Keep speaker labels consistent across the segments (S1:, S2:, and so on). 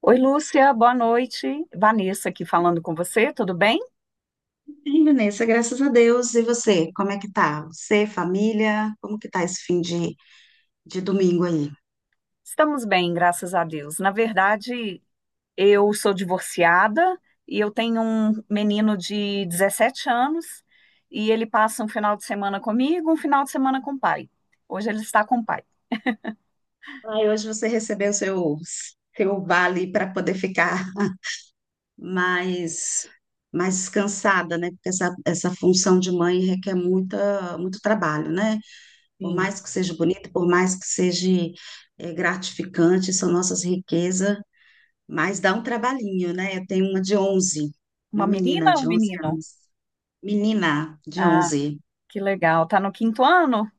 S1: Oi, Lúcia, boa noite. Vanessa aqui falando com você, tudo bem?
S2: Bem, Vanessa, graças a Deus. E você, como é que tá? Você, família, como que tá esse fim de domingo aí?
S1: Estamos bem, graças a Deus. Na verdade, eu sou divorciada e eu tenho um menino de 17 anos e ele passa um final de semana comigo, um final de semana com o pai. Hoje ele está com o pai.
S2: Ai, hoje você recebeu seu vale para poder ficar mais, mais descansada, né? Porque essa função de mãe requer muita, muito trabalho, né? Por
S1: Sim.
S2: mais que seja bonito, por mais que seja gratificante, são nossas riquezas, mas dá um trabalhinho, né? Eu tenho uma de 11,
S1: Uma
S2: uma menina
S1: menina ou um
S2: de 11
S1: menino?
S2: anos. Menina de
S1: Ah,
S2: 11.
S1: que legal. Tá no quinto ano?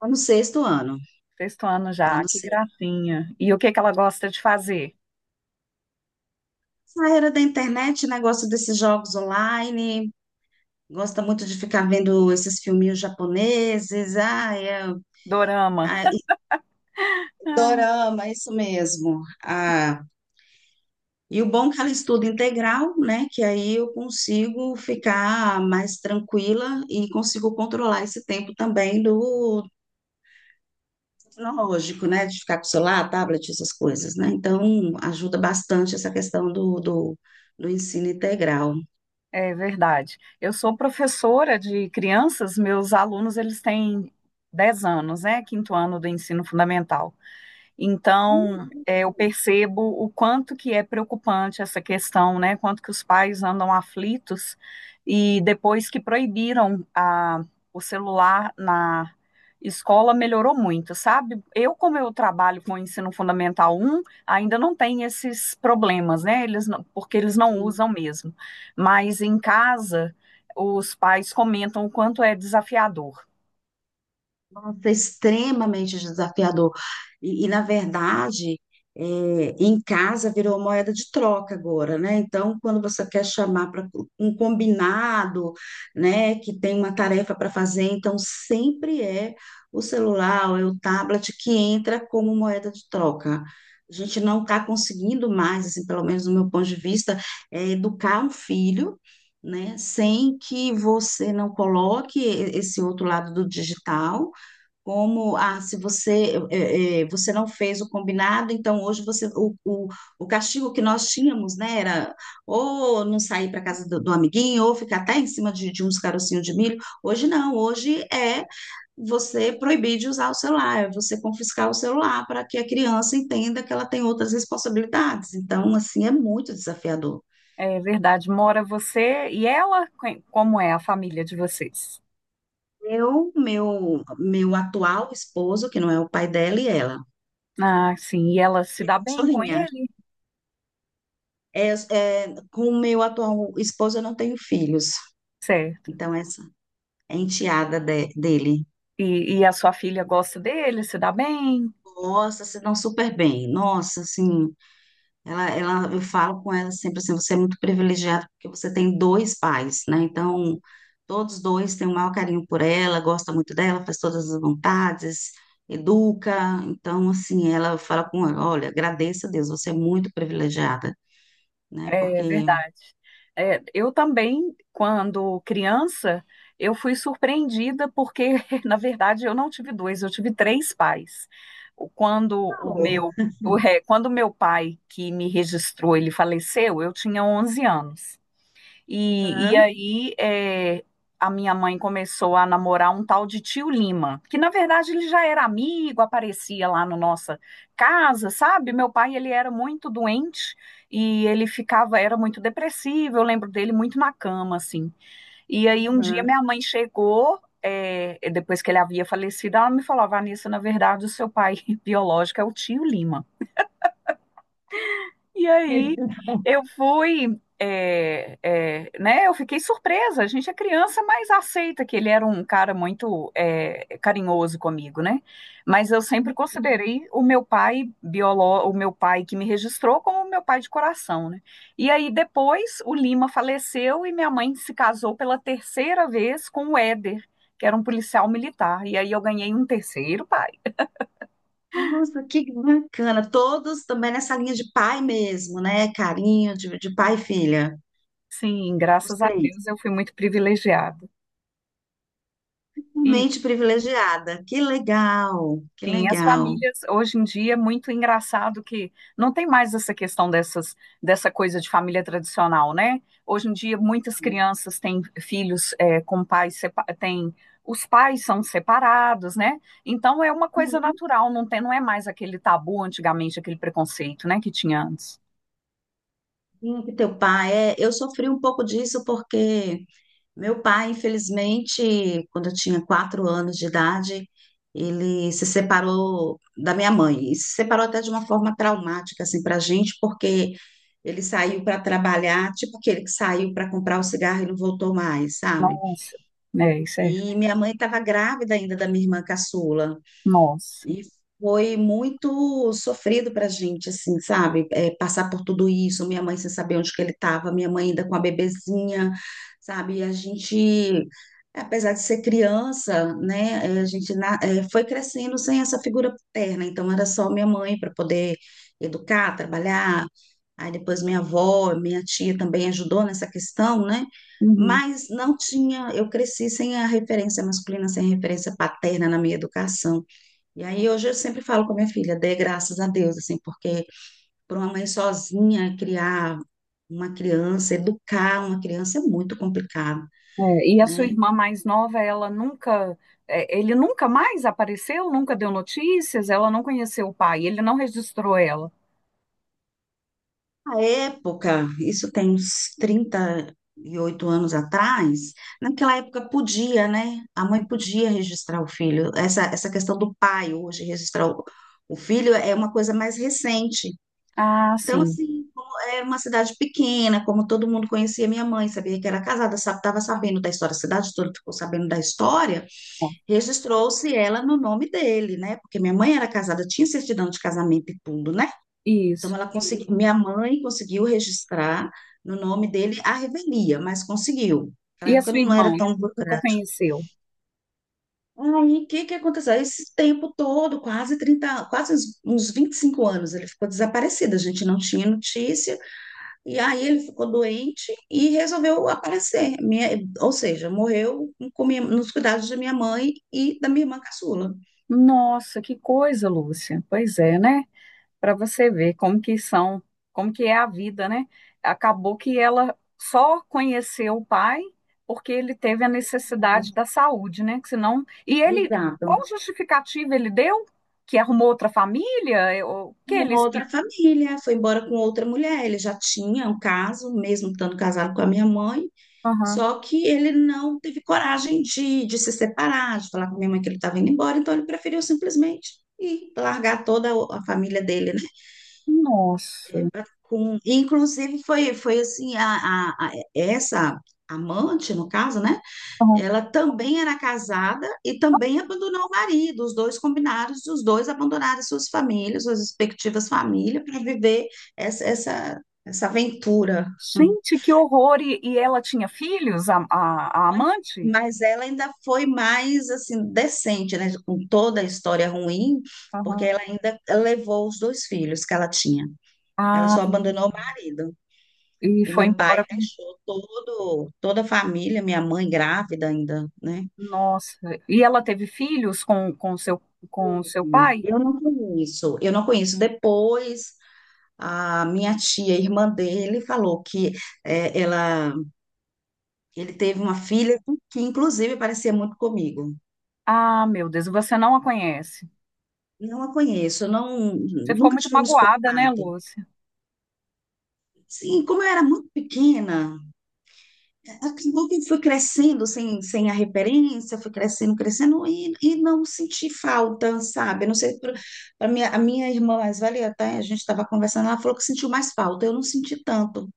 S2: Tô no sexto ano,
S1: Sexto ano
S2: tá
S1: já,
S2: no
S1: que
S2: sexto.
S1: gracinha. E o que que ela gosta de fazer?
S2: Essa era da internet, negócio desses jogos online, gosta muito de ficar vendo esses filminhos japoneses,
S1: Dorama.
S2: e
S1: Ah,
S2: dorama, isso mesmo. Ah, e o bom é que ela estuda integral, né? Que aí eu consigo ficar mais tranquila e consigo controlar esse tempo também do tecnológico, né? De ficar com o celular, tablet, essas coisas, né? Então, ajuda bastante essa questão do ensino integral.
S1: é verdade. Eu sou professora de crianças, meus alunos eles têm 10 anos, né? Quinto ano do ensino fundamental. Então, eu percebo o quanto que é preocupante essa questão, né? Quanto que os pais andam aflitos e depois que proibiram o celular na escola melhorou muito, sabe? Como eu trabalho com o ensino fundamental um ainda não tem esses problemas, né? Eles porque eles não
S2: Sim.
S1: usam mesmo. Mas em casa, os pais comentam o quanto é desafiador.
S2: Nossa, extremamente desafiador. Na verdade, é, em casa virou moeda de troca agora, né? Então, quando você quer chamar para um combinado, né, que tem uma tarefa para fazer, então sempre é o celular ou é o tablet que entra como moeda de troca. A gente não está conseguindo mais, assim, pelo menos do meu ponto de vista, educar um filho, né, sem que você não coloque esse outro lado do digital, como se você você não fez o combinado, então hoje o castigo que nós tínhamos, né, era ou não sair para casa do amiguinho, ou ficar até em cima de uns carocinhos de milho. Hoje não, hoje é você proibir de usar o celular, é você confiscar o celular para que a criança entenda que ela tem outras responsabilidades. Então, assim, é muito desafiador.
S1: É verdade. Mora você e ela? Como é a família de vocês?
S2: Meu atual esposo, que não é o pai dela, e ela,
S1: Ah, sim. E ela se dá bem com
S2: cachorrinha.
S1: ele?
S2: Com o meu atual esposo, eu não tenho filhos.
S1: Certo.
S2: Então, essa é enteada dele.
S1: E a sua filha gosta dele? Se dá bem?
S2: Nossa, se dão super bem. Nossa, assim, eu falo com ela sempre assim, você é muito privilegiado porque você tem dois pais, né? Então, todos dois têm um maior carinho por ela, gosta muito dela, faz todas as vontades, educa. Então, assim, ela fala com ela, olha, agradeça a Deus, você é muito privilegiada, né?
S1: É
S2: Porque...
S1: verdade. É, eu também, quando criança, eu fui surpreendida porque, na verdade, eu não tive dois, eu tive três pais. O- Quando
S2: Por
S1: o
S2: favor,
S1: meu, quando o meu pai que me registrou, ele faleceu, eu tinha 11 anos. E
S2: tá?
S1: aí a minha mãe começou a namorar um tal de tio Lima, que na verdade ele já era amigo, aparecia lá na nossa casa, sabe? Meu pai ele era muito doente e ele ficava, era muito depressivo, eu lembro dele muito na cama, assim. E aí um dia
S2: Uhum.
S1: minha mãe chegou, depois que ele havia falecido, ela me falou, "Ah, Vanessa, na verdade o seu pai biológico é o tio Lima. E aí eu fui, né? Eu fiquei surpresa. A gente é criança, mas aceita que ele era um cara muito carinhoso comigo, né? Mas eu sempre considerei o meu pai o meu pai que me registrou como o meu pai de coração, né? E aí depois o Lima faleceu e minha mãe se casou pela terceira vez com o Éder, que era um policial militar. E aí eu ganhei um terceiro pai.
S2: Nossa, que bacana. Todos também nessa linha de pai mesmo, né? Carinho de pai e filha.
S1: Sim,
S2: Os
S1: graças a
S2: três.
S1: Deus eu fui muito privilegiada.
S2: Mente privilegiada. Que legal, que
S1: Sim, as
S2: legal.
S1: famílias, hoje em dia, é muito engraçado que não tem mais essa questão dessa coisa de família tradicional, né? Hoje em dia, muitas crianças têm filhos com pais, os pais são separados, né? Então, é uma coisa natural, não tem, não é mais aquele tabu antigamente, aquele preconceito, né, que tinha antes.
S2: Sim, que teu pai é. Eu sofri um pouco disso porque meu pai, infelizmente, quando eu tinha 4 anos de idade, ele se separou da minha mãe. E se separou até de uma forma traumática, assim, pra gente, porque ele saiu para trabalhar, tipo aquele que saiu para comprar o cigarro e não voltou mais, sabe?
S1: Nossa, isso é,
S2: E minha mãe estava grávida ainda da minha irmã caçula.
S1: nossa.
S2: E foi muito sofrido pra gente, assim, sabe? Passar por tudo isso, minha mãe sem saber onde que ele estava, minha mãe ainda com a bebezinha, sabe? E a gente, apesar de ser criança, né? A gente foi crescendo sem essa figura paterna, então era só minha mãe para poder educar, trabalhar. Aí depois minha avó, minha tia também ajudou nessa questão, né?
S1: Uhum.
S2: Mas não tinha, eu cresci sem a referência masculina, sem a referência paterna na minha educação. E aí hoje eu sempre falo com a minha filha, dê graças a Deus, assim, porque para uma mãe sozinha criar uma criança, educar uma criança é muito complicado,
S1: É, e a sua
S2: né?
S1: irmã mais nova, ela nunca, é, ele nunca mais apareceu, nunca deu notícias, ela não conheceu o pai, ele não registrou ela.
S2: Na época, isso tem uns 38 anos atrás, naquela época podia, né? A mãe podia registrar o filho. Essa questão do pai hoje registrar o filho é uma coisa mais recente.
S1: Ah,
S2: Então,
S1: sim,
S2: assim, como era uma cidade pequena, como todo mundo conhecia minha mãe, sabia que era casada, estava sabendo da história, a cidade toda ficou sabendo da história,
S1: ó,
S2: registrou-se ela no nome dele, né? Porque minha mãe era casada, tinha certidão de casamento e tudo, né? Então,
S1: isso.
S2: ela conseguiu, minha mãe conseguiu registrar no nome dele a revelia, mas conseguiu. Naquela
S1: E a
S2: época
S1: sua
S2: não era
S1: irmã
S2: tão
S1: nunca
S2: burocrático.
S1: conheceu.
S2: Aí, o que que aconteceu? Esse tempo todo, quase 30, quase uns 25 anos, ele ficou desaparecido, a gente não tinha notícia. E aí ele ficou doente e resolveu aparecer. Ou seja, morreu com nos cuidados de minha mãe e da minha irmã caçula.
S1: Nossa, que coisa, Lúcia. Pois é, né? Para você ver como que são, como que é a vida, né? Acabou que ela só conheceu o pai porque ele teve a necessidade da saúde, né? Que senão, e ele,
S2: Exato.
S1: qual justificativa ele deu? Que arrumou outra família? Eu- O que ele
S2: Uma outra
S1: explicou?
S2: família, foi embora com outra mulher. Ele já tinha um caso, mesmo estando casado com a minha mãe,
S1: Aham.
S2: só que ele não teve coragem de se separar, de falar com a minha mãe que ele estava indo embora, então ele preferiu simplesmente ir largar toda a família dele
S1: Nossa.
S2: com, inclusive foi assim essa amante no caso, né?
S1: Aham.
S2: Ela também era casada e também abandonou o marido. Os dois combinaram, os dois abandonaram suas famílias, suas respectivas famílias para viver essa aventura.
S1: Gente, que horror! E ela tinha filhos, a amante?
S2: Mas ela ainda foi mais assim decente, né? Com toda a história ruim, porque
S1: Aham.
S2: ela ainda levou os dois filhos que ela tinha. Ela
S1: Ah,
S2: só abandonou o marido.
S1: e
S2: E
S1: foi
S2: meu pai
S1: embora.
S2: deixou todo, toda a família, minha mãe grávida ainda, né?
S1: Nossa. E ela teve filhos com seu
S2: E
S1: pai?
S2: eu não conheço. Depois, a minha tia, irmã dele, falou que eh, ela, ele teve uma filha que, inclusive, parecia muito comigo.
S1: Ah, meu Deus, e você não a conhece.
S2: Não a conheço, não,
S1: Você ficou
S2: nunca
S1: muito
S2: tivemos
S1: magoada, né,
S2: contato.
S1: Lúcia?
S2: Sim, como eu era muito pequena, acabou que fui crescendo sem a referência, fui crescendo, crescendo, e não senti falta, sabe? Eu não sei, a minha irmã mais velha, até a gente estava conversando, ela falou que sentiu mais falta, eu não senti tanto,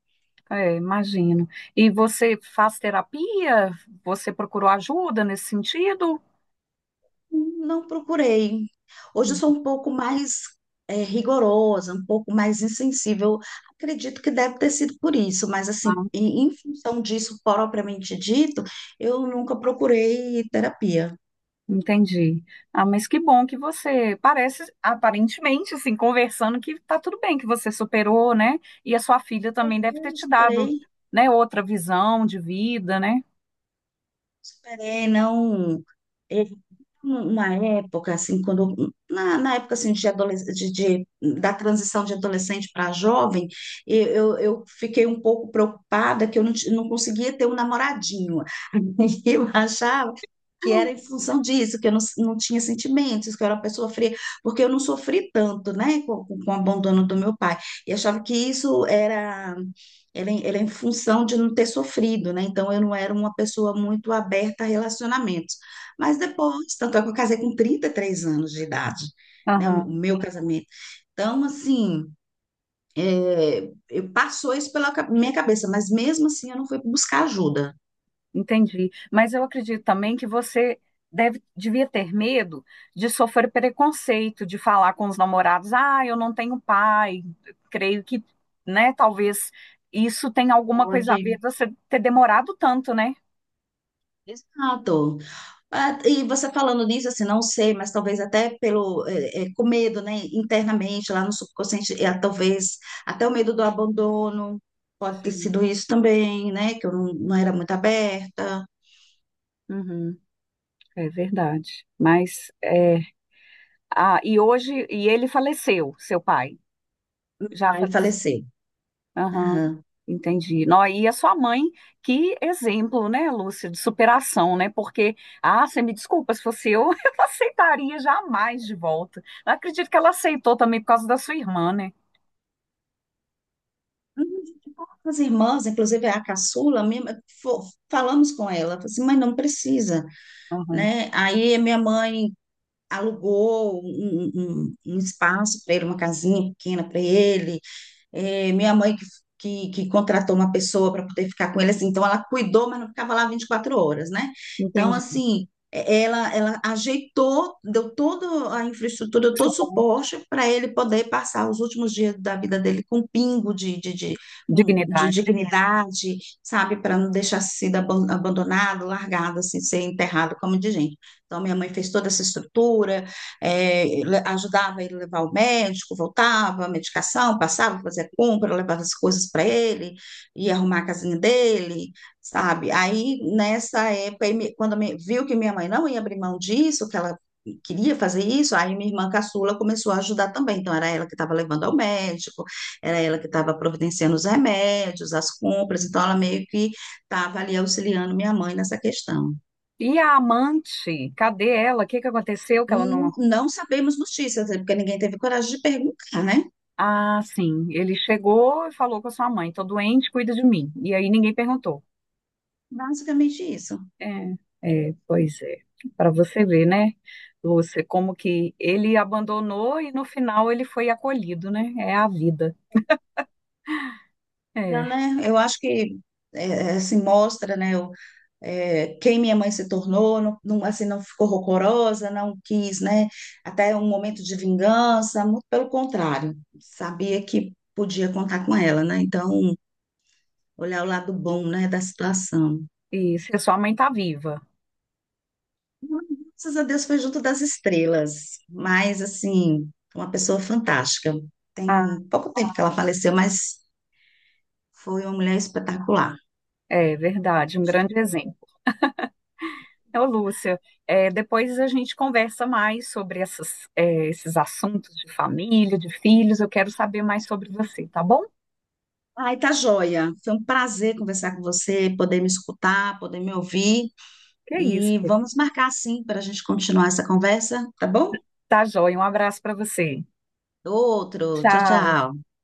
S1: É, imagino. E você faz terapia? Você procurou ajuda nesse sentido?
S2: não procurei. Hoje eu sou um pouco mais rigorosa, um pouco mais insensível, acredito que deve ter sido por isso, mas assim,
S1: Ah,
S2: em função disso propriamente dito, eu nunca procurei terapia.
S1: entendi. Ah, mas que bom que você parece, aparentemente, assim, conversando, que tá tudo bem, que você superou, né? E a sua filha também deve ter
S2: Eu
S1: te dado,
S2: esperei,
S1: né, outra visão de vida, né?
S2: esperei, não. Uma época, assim, quando, na época, assim, de adoles- de- da transição de adolescente para jovem, eu fiquei um pouco preocupada que eu não, ti- não conseguia ter um namoradinho, e eu achava que era em função disso, que eu não tinha sentimentos, que eu era uma pessoa fria, porque eu não sofri tanto, né, com o abandono do meu pai. E achava que isso era, era em função de não ter sofrido, né? Então eu não era uma pessoa muito aberta a relacionamentos. Mas depois, tanto é que eu casei com 33 anos de idade, né,
S1: Aham.
S2: o meu casamento. Então, assim. Eu passou isso pela minha cabeça, mas mesmo assim eu não fui buscar ajuda.
S1: Entendi. Mas eu acredito também que você devia ter medo de sofrer preconceito, de falar com os namorados, ah, eu não tenho pai. Creio que, né, talvez isso tenha alguma coisa a
S2: Pode.
S1: ver você ter demorado tanto, né?
S2: Exato. Ah, e você falando nisso, assim, não sei, mas talvez até com medo, né, internamente, lá no subconsciente, talvez até o medo do abandono, pode ter
S1: Sim.
S2: sido isso também, né, que eu não era muito aberta,
S1: Uhum. É verdade. Mas é. Ah, e ele faleceu, seu pai. Já
S2: aí
S1: faleceu.
S2: faleceu.
S1: Aham,
S2: Aham.
S1: entendi. Nó, e a sua mãe, que exemplo, né, Lúcia, de superação, né? Porque, ah, você me desculpa, se fosse eu, eu não aceitaria jamais de volta. Não acredito que ela aceitou também por causa da sua irmã, né?
S2: Hum, As irmãs, inclusive a caçula, falamos com ela, falou assim, mãe, não precisa,
S1: Aham,
S2: né, aí a minha mãe alugou um espaço para ele, uma casinha pequena para ele. Minha mãe que, contratou uma pessoa para poder ficar com ele, assim, então ela cuidou, mas não ficava lá 24 horas, né? Então,
S1: entendi.
S2: assim, ela ajeitou, deu toda a infraestrutura, deu
S1: Isso
S2: todo o
S1: bom,
S2: suporte para ele poder passar os últimos dias da vida dele com um pingo de
S1: dignidade.
S2: dignidade, sabe? Para não deixar sido abandonado, largado, assim, ser enterrado como de gente. Então, minha mãe fez toda essa estrutura, é, ajudava ele a levar o médico, voltava, medicação, passava, fazia compra, levava as coisas para ele, ia arrumar a casinha dele, sabe? Aí, nessa época, aí me- quando me- viu que minha mãe não ia abrir mão disso, que ela queria fazer isso, aí minha irmã caçula começou a ajudar também. Então, era ela que estava levando ao médico, era ela que estava providenciando os remédios, as compras, então ela meio que estava ali auxiliando minha mãe nessa questão.
S1: E a amante, cadê ela? O que que aconteceu que ela
S2: Não,
S1: não...
S2: não sabemos notícias, né, porque ninguém teve coragem de perguntar, né?
S1: Ah, sim, ele chegou e falou com a sua mãe, tô doente, cuida de mim. E aí ninguém perguntou.
S2: Basicamente isso.
S1: É, é, pois é. Para você ver, né, Lúcia, como que ele abandonou e no final ele foi acolhido, né? É a vida. É.
S2: Então, né, eu acho que assim, mostra, né, quem minha mãe se tornou, não, não, assim, não ficou rancorosa, não quis, né, até um momento de vingança, muito pelo contrário, sabia que podia contar com ela, né? Então, olhar o lado bom, né, da situação.
S1: E se sua mãe tá viva.
S2: Graças a Deus foi junto das estrelas, mas, assim, uma pessoa fantástica.
S1: Ah,
S2: Tem pouco tempo que ela faleceu, mas foi uma mulher espetacular.
S1: é verdade, um grande exemplo. Ô, Lúcia, depois a gente conversa mais sobre esses assuntos de família, de filhos. Eu quero saber mais sobre você, tá bom?
S2: Ai, tá joia. Foi um prazer conversar com você, poder me escutar, poder me ouvir.
S1: Que é isso.
S2: E vamos marcar sim para a gente continuar essa conversa, tá bom?
S1: Tá joia. Um abraço para você.
S2: Outro. Tchau,
S1: Tchau.
S2: tchau.